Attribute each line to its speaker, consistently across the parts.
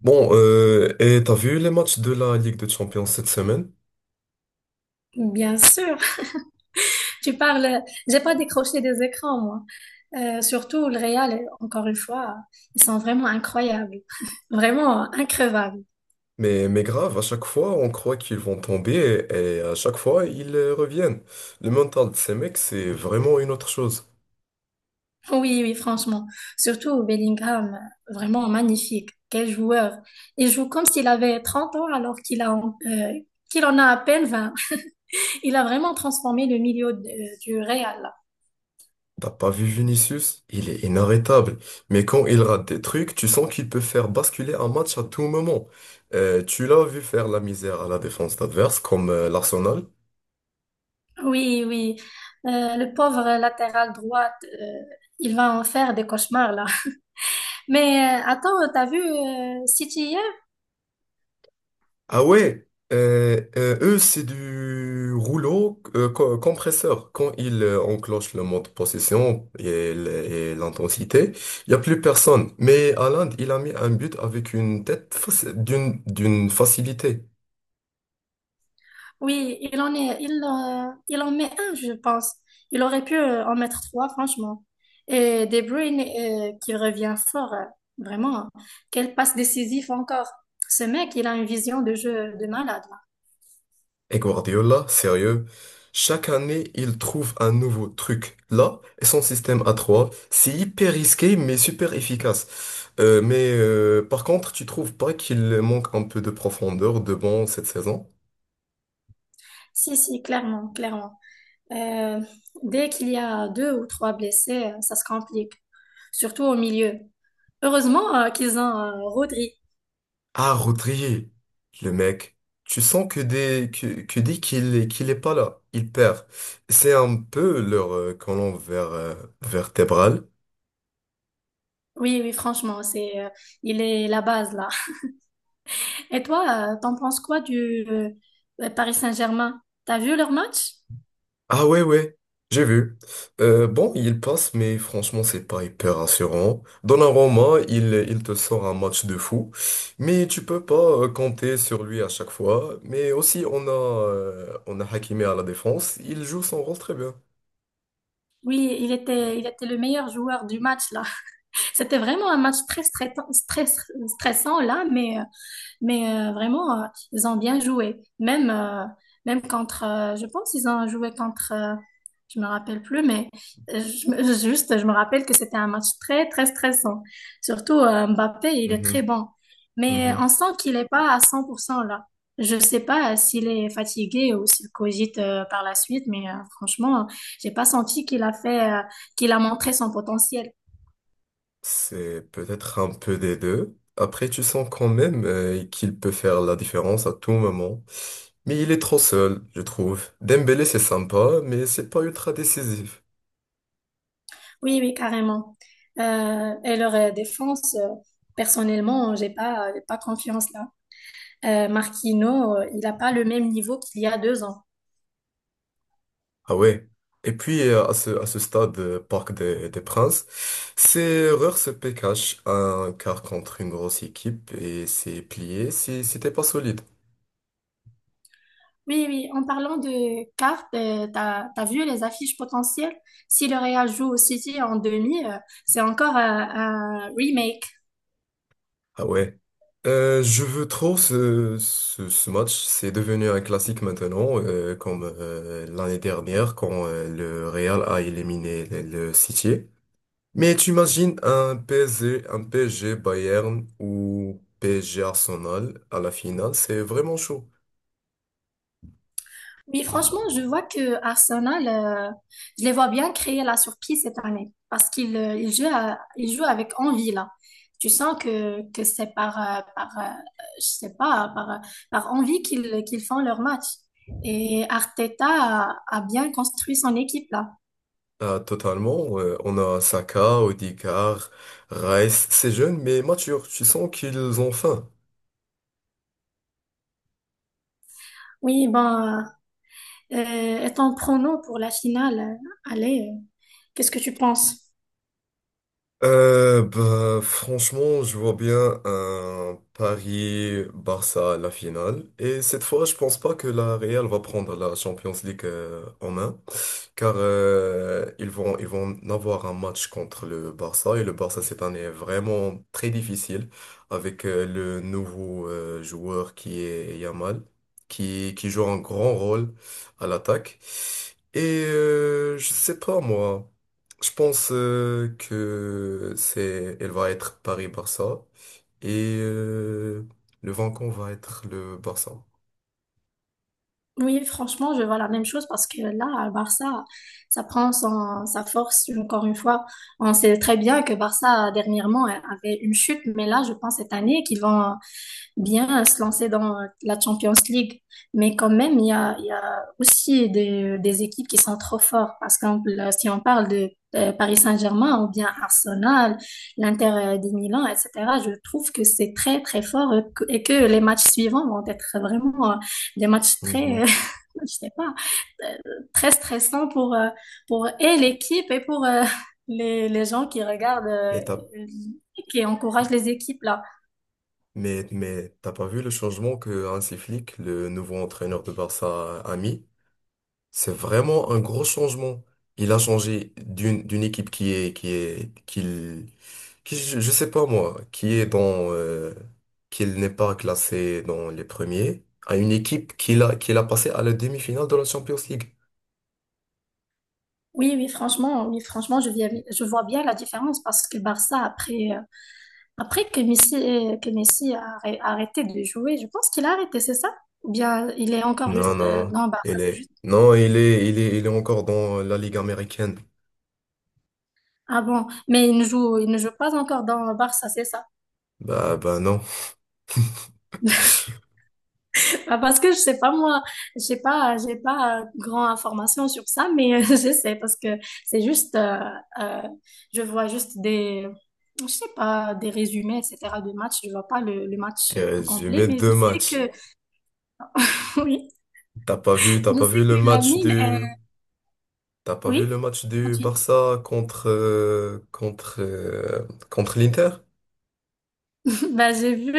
Speaker 1: Bon, et t'as vu les matchs de la Ligue des Champions cette semaine?
Speaker 2: Bien sûr, tu parles. J'ai pas décroché des écrans, moi. Surtout le Real, encore une fois, ils sont vraiment incroyables, vraiment increvables.
Speaker 1: Mais grave, à chaque fois, on croit qu'ils vont tomber et à chaque fois, ils reviennent. Le mental de ces mecs, c'est vraiment une autre chose.
Speaker 2: Oui, oui, franchement. Surtout Bellingham, vraiment magnifique. Quel joueur. Il joue comme s'il avait 30 ans alors qu'il a, qu'il en a à peine 20. Il a vraiment transformé du Real.
Speaker 1: T'as pas vu Vinicius? Il est inarrêtable. Mais quand il rate des trucs, tu sens qu'il peut faire basculer un match à tout moment. Tu l'as vu faire la misère à la défense adverse, comme l'Arsenal.
Speaker 2: Oui, oui. Le pauvre latéral droite, il va en faire des cauchemars là. Mais attends, t'as vu City hier?
Speaker 1: Ah ouais, eux, c'est du rouleau compresseur. Quand ils enclenchent le mode possession et l'intensité, il n'y a plus personne. Mais Haaland, il a mis un but avec une tête d'une facilité.
Speaker 2: Oui, il en met un, je pense. Il aurait pu en mettre trois, franchement. Et De Bruyne qui revient fort, vraiment. Quelle passe décisive encore. Ce mec, il a une vision de jeu de malade. Là.
Speaker 1: Et Guardiola, sérieux, chaque année, il trouve un nouveau truc. Là, et son système à 3, c'est hyper risqué, mais super efficace. Mais par contre, tu trouves pas qu'il manque un peu de profondeur de banc cette saison?
Speaker 2: Si, si, clairement, clairement. Euh, Dès qu'il y a deux ou trois blessés, ça se complique, surtout au milieu. Heureusement qu'ils ont Rodri.
Speaker 1: Ah, Rodri, le mec, tu sens que dès qu'il est pas là, il perd. C'est un peu leur colonne vertébrale.
Speaker 2: Oui, oui, franchement, il est la base là. Et toi, t'en penses quoi du Paris Saint-Germain? T'as vu leur match?
Speaker 1: Ah ouais, ouais, j'ai vu. Bon, il passe, mais franchement, c'est pas hyper rassurant. Donnarumma, il te sort un match de fou, mais tu peux pas compter sur lui à chaque fois. Mais aussi, on a Hakimi à la défense, il joue son rôle très bien.
Speaker 2: Oui, il était le meilleur joueur du match là. C'était vraiment un match très stressant, stressant là, mais mais vraiment, ils ont bien joué. Même, même contre, je pense qu'ils ont joué contre, je me rappelle plus, mais juste, je me rappelle que c'était un match très, très stressant. Surtout Mbappé, il est très
Speaker 1: Mhm,
Speaker 2: bon. Mais
Speaker 1: mhm.
Speaker 2: on sent qu'il n'est pas à 100% là. Je sais pas s'il est fatigué ou s'il cogite par la suite, mais franchement, j'ai pas senti qu'il a fait, qu'il a montré son potentiel.
Speaker 1: C'est peut-être un peu des deux. Après, tu sens quand même qu'il peut faire la différence à tout moment. Mais il est trop seul, je trouve. Dembélé, c'est sympa, mais c'est pas ultra décisif.
Speaker 2: Oui, oui, carrément. Et leur défense, personnellement, j'ai pas confiance là. Marquinhos, il a pas le même niveau qu'il y a 2 ans.
Speaker 1: Ah ouais. Et puis, à ce stade, Parc des Princes, c'est Reurs PKH, un quart contre une grosse équipe, et c'est plié si, si t'es pas solide.
Speaker 2: Oui, oui, en parlant de cartes, t'as vu les affiches potentielles? Si le Real joue au City en demi, c'est encore un remake.
Speaker 1: Ah ouais. Je veux trop ce match. C'est devenu un classique maintenant, comme l'année dernière quand le Real a éliminé le City. Mais tu imagines un PSG, un PSG Bayern ou PSG Arsenal à la finale, c'est vraiment chaud.
Speaker 2: Oui, franchement, je vois que Arsenal, je les vois bien créer la surprise cette année parce qu'ils ils jouent, ils jouent avec envie là. Tu sens que c'est par, je sais pas, par, euh, par envie qu'ils font leur match. Et Arteta a bien construit son équipe là.
Speaker 1: Ah, totalement. On a Saka, Odegaard, Rice. C'est jeune mais mature. Tu sens qu'ils ont faim.
Speaker 2: Oui, ben, étant prono pour la finale, allez, qu'est-ce que tu penses?
Speaker 1: Bah, franchement, je vois bien un Paris-Barça à la finale. Et cette fois, je pense pas que la Real va prendre la Champions League en main. Car ils vont avoir un match contre le Barça et le Barça cette année est vraiment très difficile avec le nouveau joueur qui est Yamal qui joue un grand rôle à l'attaque. Et je sais pas moi, je pense que c'est elle va être Paris-Barça et le vainqueur va être le Barça.
Speaker 2: Oui, franchement, je vois la même chose parce que là, à Barça, ça prend sa force encore une fois. On sait très bien que Barça, dernièrement, avait une chute, mais là, je pense cette année qu'ils vont bien se lancer dans la Champions League. Mais quand même, il y a aussi des équipes qui sont trop fortes. Par exemple, si on parle de Paris Saint-Germain ou bien Arsenal, l'Inter de Milan, etc., je trouve que c'est très, très fort et que les matchs suivants vont être vraiment des matchs très,
Speaker 1: Mhm.
Speaker 2: je sais pas, euh, très stressant pour et l'équipe et pour les gens qui regardent,
Speaker 1: Mais t'as
Speaker 2: qui encouragent les équipes là.
Speaker 1: mais t'as pas vu le changement que Hansi Flick, le nouveau entraîneur de Barça, a mis? C'est vraiment un gros changement. Il a changé d'une équipe qui est qu'il qui je sais pas moi, qui est dans qu'il n'est pas classé dans les premiers, à une équipe qu'il a passé à la demi-finale de la Champions League.
Speaker 2: Oui, oui, franchement, je vois bien la différence parce que Barça, après, après que Messi a arrêté de jouer, je pense qu'il a arrêté, c'est ça? Ou bien il est encore juste
Speaker 1: Non, non,
Speaker 2: dans Barça,
Speaker 1: il
Speaker 2: c'est
Speaker 1: est
Speaker 2: juste.
Speaker 1: non, il est il est il est encore dans la Ligue américaine.
Speaker 2: Ah bon, mais il ne joue pas encore dans Barça, c'est ça?
Speaker 1: Bah non.
Speaker 2: Ah, parce que je sais pas moi, j'ai pas grand information sur ça, mais je sais parce que c'est juste euh, je vois juste des je sais pas des résumés etc. de matchs, je vois pas le match
Speaker 1: Il a
Speaker 2: tout complet,
Speaker 1: résumé
Speaker 2: mais je
Speaker 1: deux
Speaker 2: sais
Speaker 1: matchs.
Speaker 2: que oui,
Speaker 1: T'as pas vu, t'as
Speaker 2: je
Speaker 1: pas
Speaker 2: sais
Speaker 1: vu
Speaker 2: que
Speaker 1: le
Speaker 2: la
Speaker 1: match
Speaker 2: mine est
Speaker 1: du, t'as pas vu le
Speaker 2: oui.
Speaker 1: match du
Speaker 2: Continue.
Speaker 1: Barça contre l'Inter?
Speaker 2: Bah, j'ai vu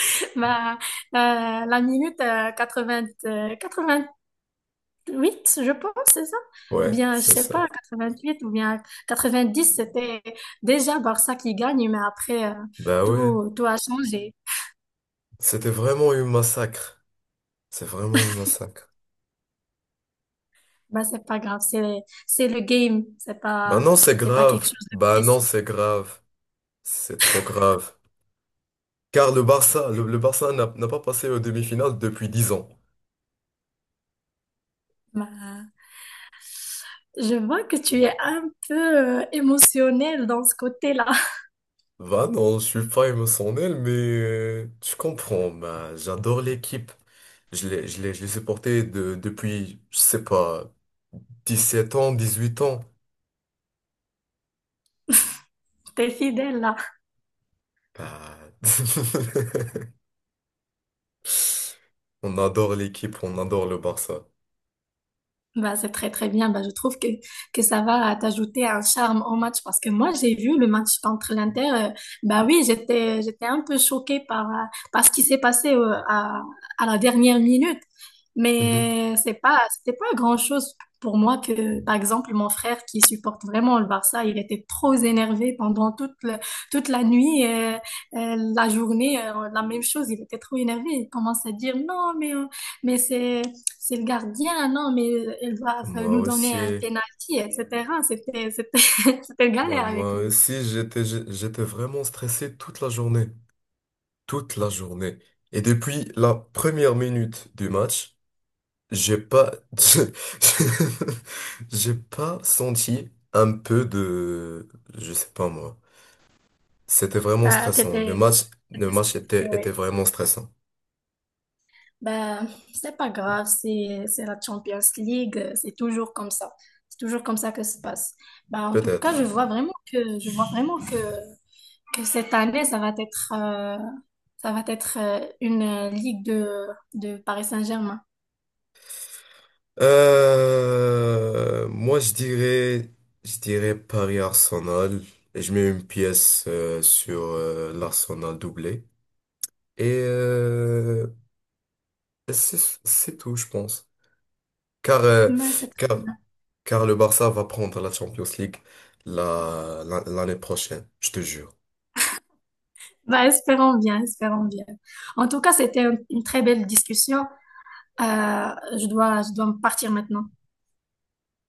Speaker 2: bah, euh, la minute 80, huit, je pense, c'est ça?
Speaker 1: Ouais,
Speaker 2: Bien, je
Speaker 1: c'est
Speaker 2: sais
Speaker 1: ça.
Speaker 2: pas, 88 ou bien 90, c'était déjà Barça qui gagne, mais après,
Speaker 1: Ben ouais,
Speaker 2: tout, tout a changé.
Speaker 1: c'était vraiment une massacre. C'est vraiment une massacre.
Speaker 2: Bah, c'est pas grave, c'est le game,
Speaker 1: Ben non, c'est
Speaker 2: c'est pas quelque
Speaker 1: grave.
Speaker 2: chose de
Speaker 1: Ben
Speaker 2: précis.
Speaker 1: non, c'est grave. C'est trop grave. Car le Barça, le Barça n'a pas passé aux demi-finales depuis 10 ans.
Speaker 2: Bah, je vois que tu es un peu émotionnel dans ce côté-là.
Speaker 1: Ben non, je suis pas émotionnel, mais tu comprends. Ben, j'adore l'équipe. Je l'ai supporté depuis, je sais pas, 17 ans, 18 ans.
Speaker 2: T'es fidèle là.
Speaker 1: Ah. On adore l'équipe, on adore le Barça.
Speaker 2: Bah, c'est très très bien. Bah, je trouve que ça va t'ajouter un charme au match parce que moi j'ai vu le match contre l'Inter. Bah oui, j'étais un peu choquée par, par ce qui s'est passé à la dernière minute.
Speaker 1: Mhm.
Speaker 2: Mais c'était pas grand-chose pour moi que par exemple mon frère qui supporte vraiment le Barça, il était trop énervé pendant toute la nuit, la journée, la même chose. Il était trop énervé. Il commence à dire non mais mais c'est le gardien, non, mais ils doivent
Speaker 1: Moi
Speaker 2: nous donner un
Speaker 1: aussi,
Speaker 2: penalty, etc. C'était
Speaker 1: bah
Speaker 2: galère avec
Speaker 1: moi
Speaker 2: lui.
Speaker 1: aussi, j'étais vraiment stressé toute la journée, toute la journée. Et depuis la première minute du match, j'ai pas, j'ai j'ai pas senti un peu de, je sais pas moi. C'était vraiment stressant. Le
Speaker 2: T'étais,
Speaker 1: match, le
Speaker 2: t'étais
Speaker 1: match
Speaker 2: stressé,
Speaker 1: était
Speaker 2: ouais.
Speaker 1: vraiment stressant.
Speaker 2: Ben, c'est pas grave, c'est la Champions League, c'est toujours comme ça. C'est toujours comme ça que ça se passe. Ben, en tout cas,
Speaker 1: Peut-être.
Speaker 2: je vois vraiment que cette année, ça va être une ligue de Paris Saint-Germain.
Speaker 1: Moi, je dirais Paris-Arsenal. Et je mets une pièce sur l'Arsenal doublé. Et euh, c'est c'est tout, je pense. Car, euh,
Speaker 2: Ben, c'est
Speaker 1: car, car, le Barça va prendre la Champions League l'année prochaine, je te jure.
Speaker 2: bah, espérons bien, espérons bien. En tout cas, c'était une très belle discussion. Euh, je dois me partir maintenant.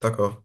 Speaker 1: D'accord?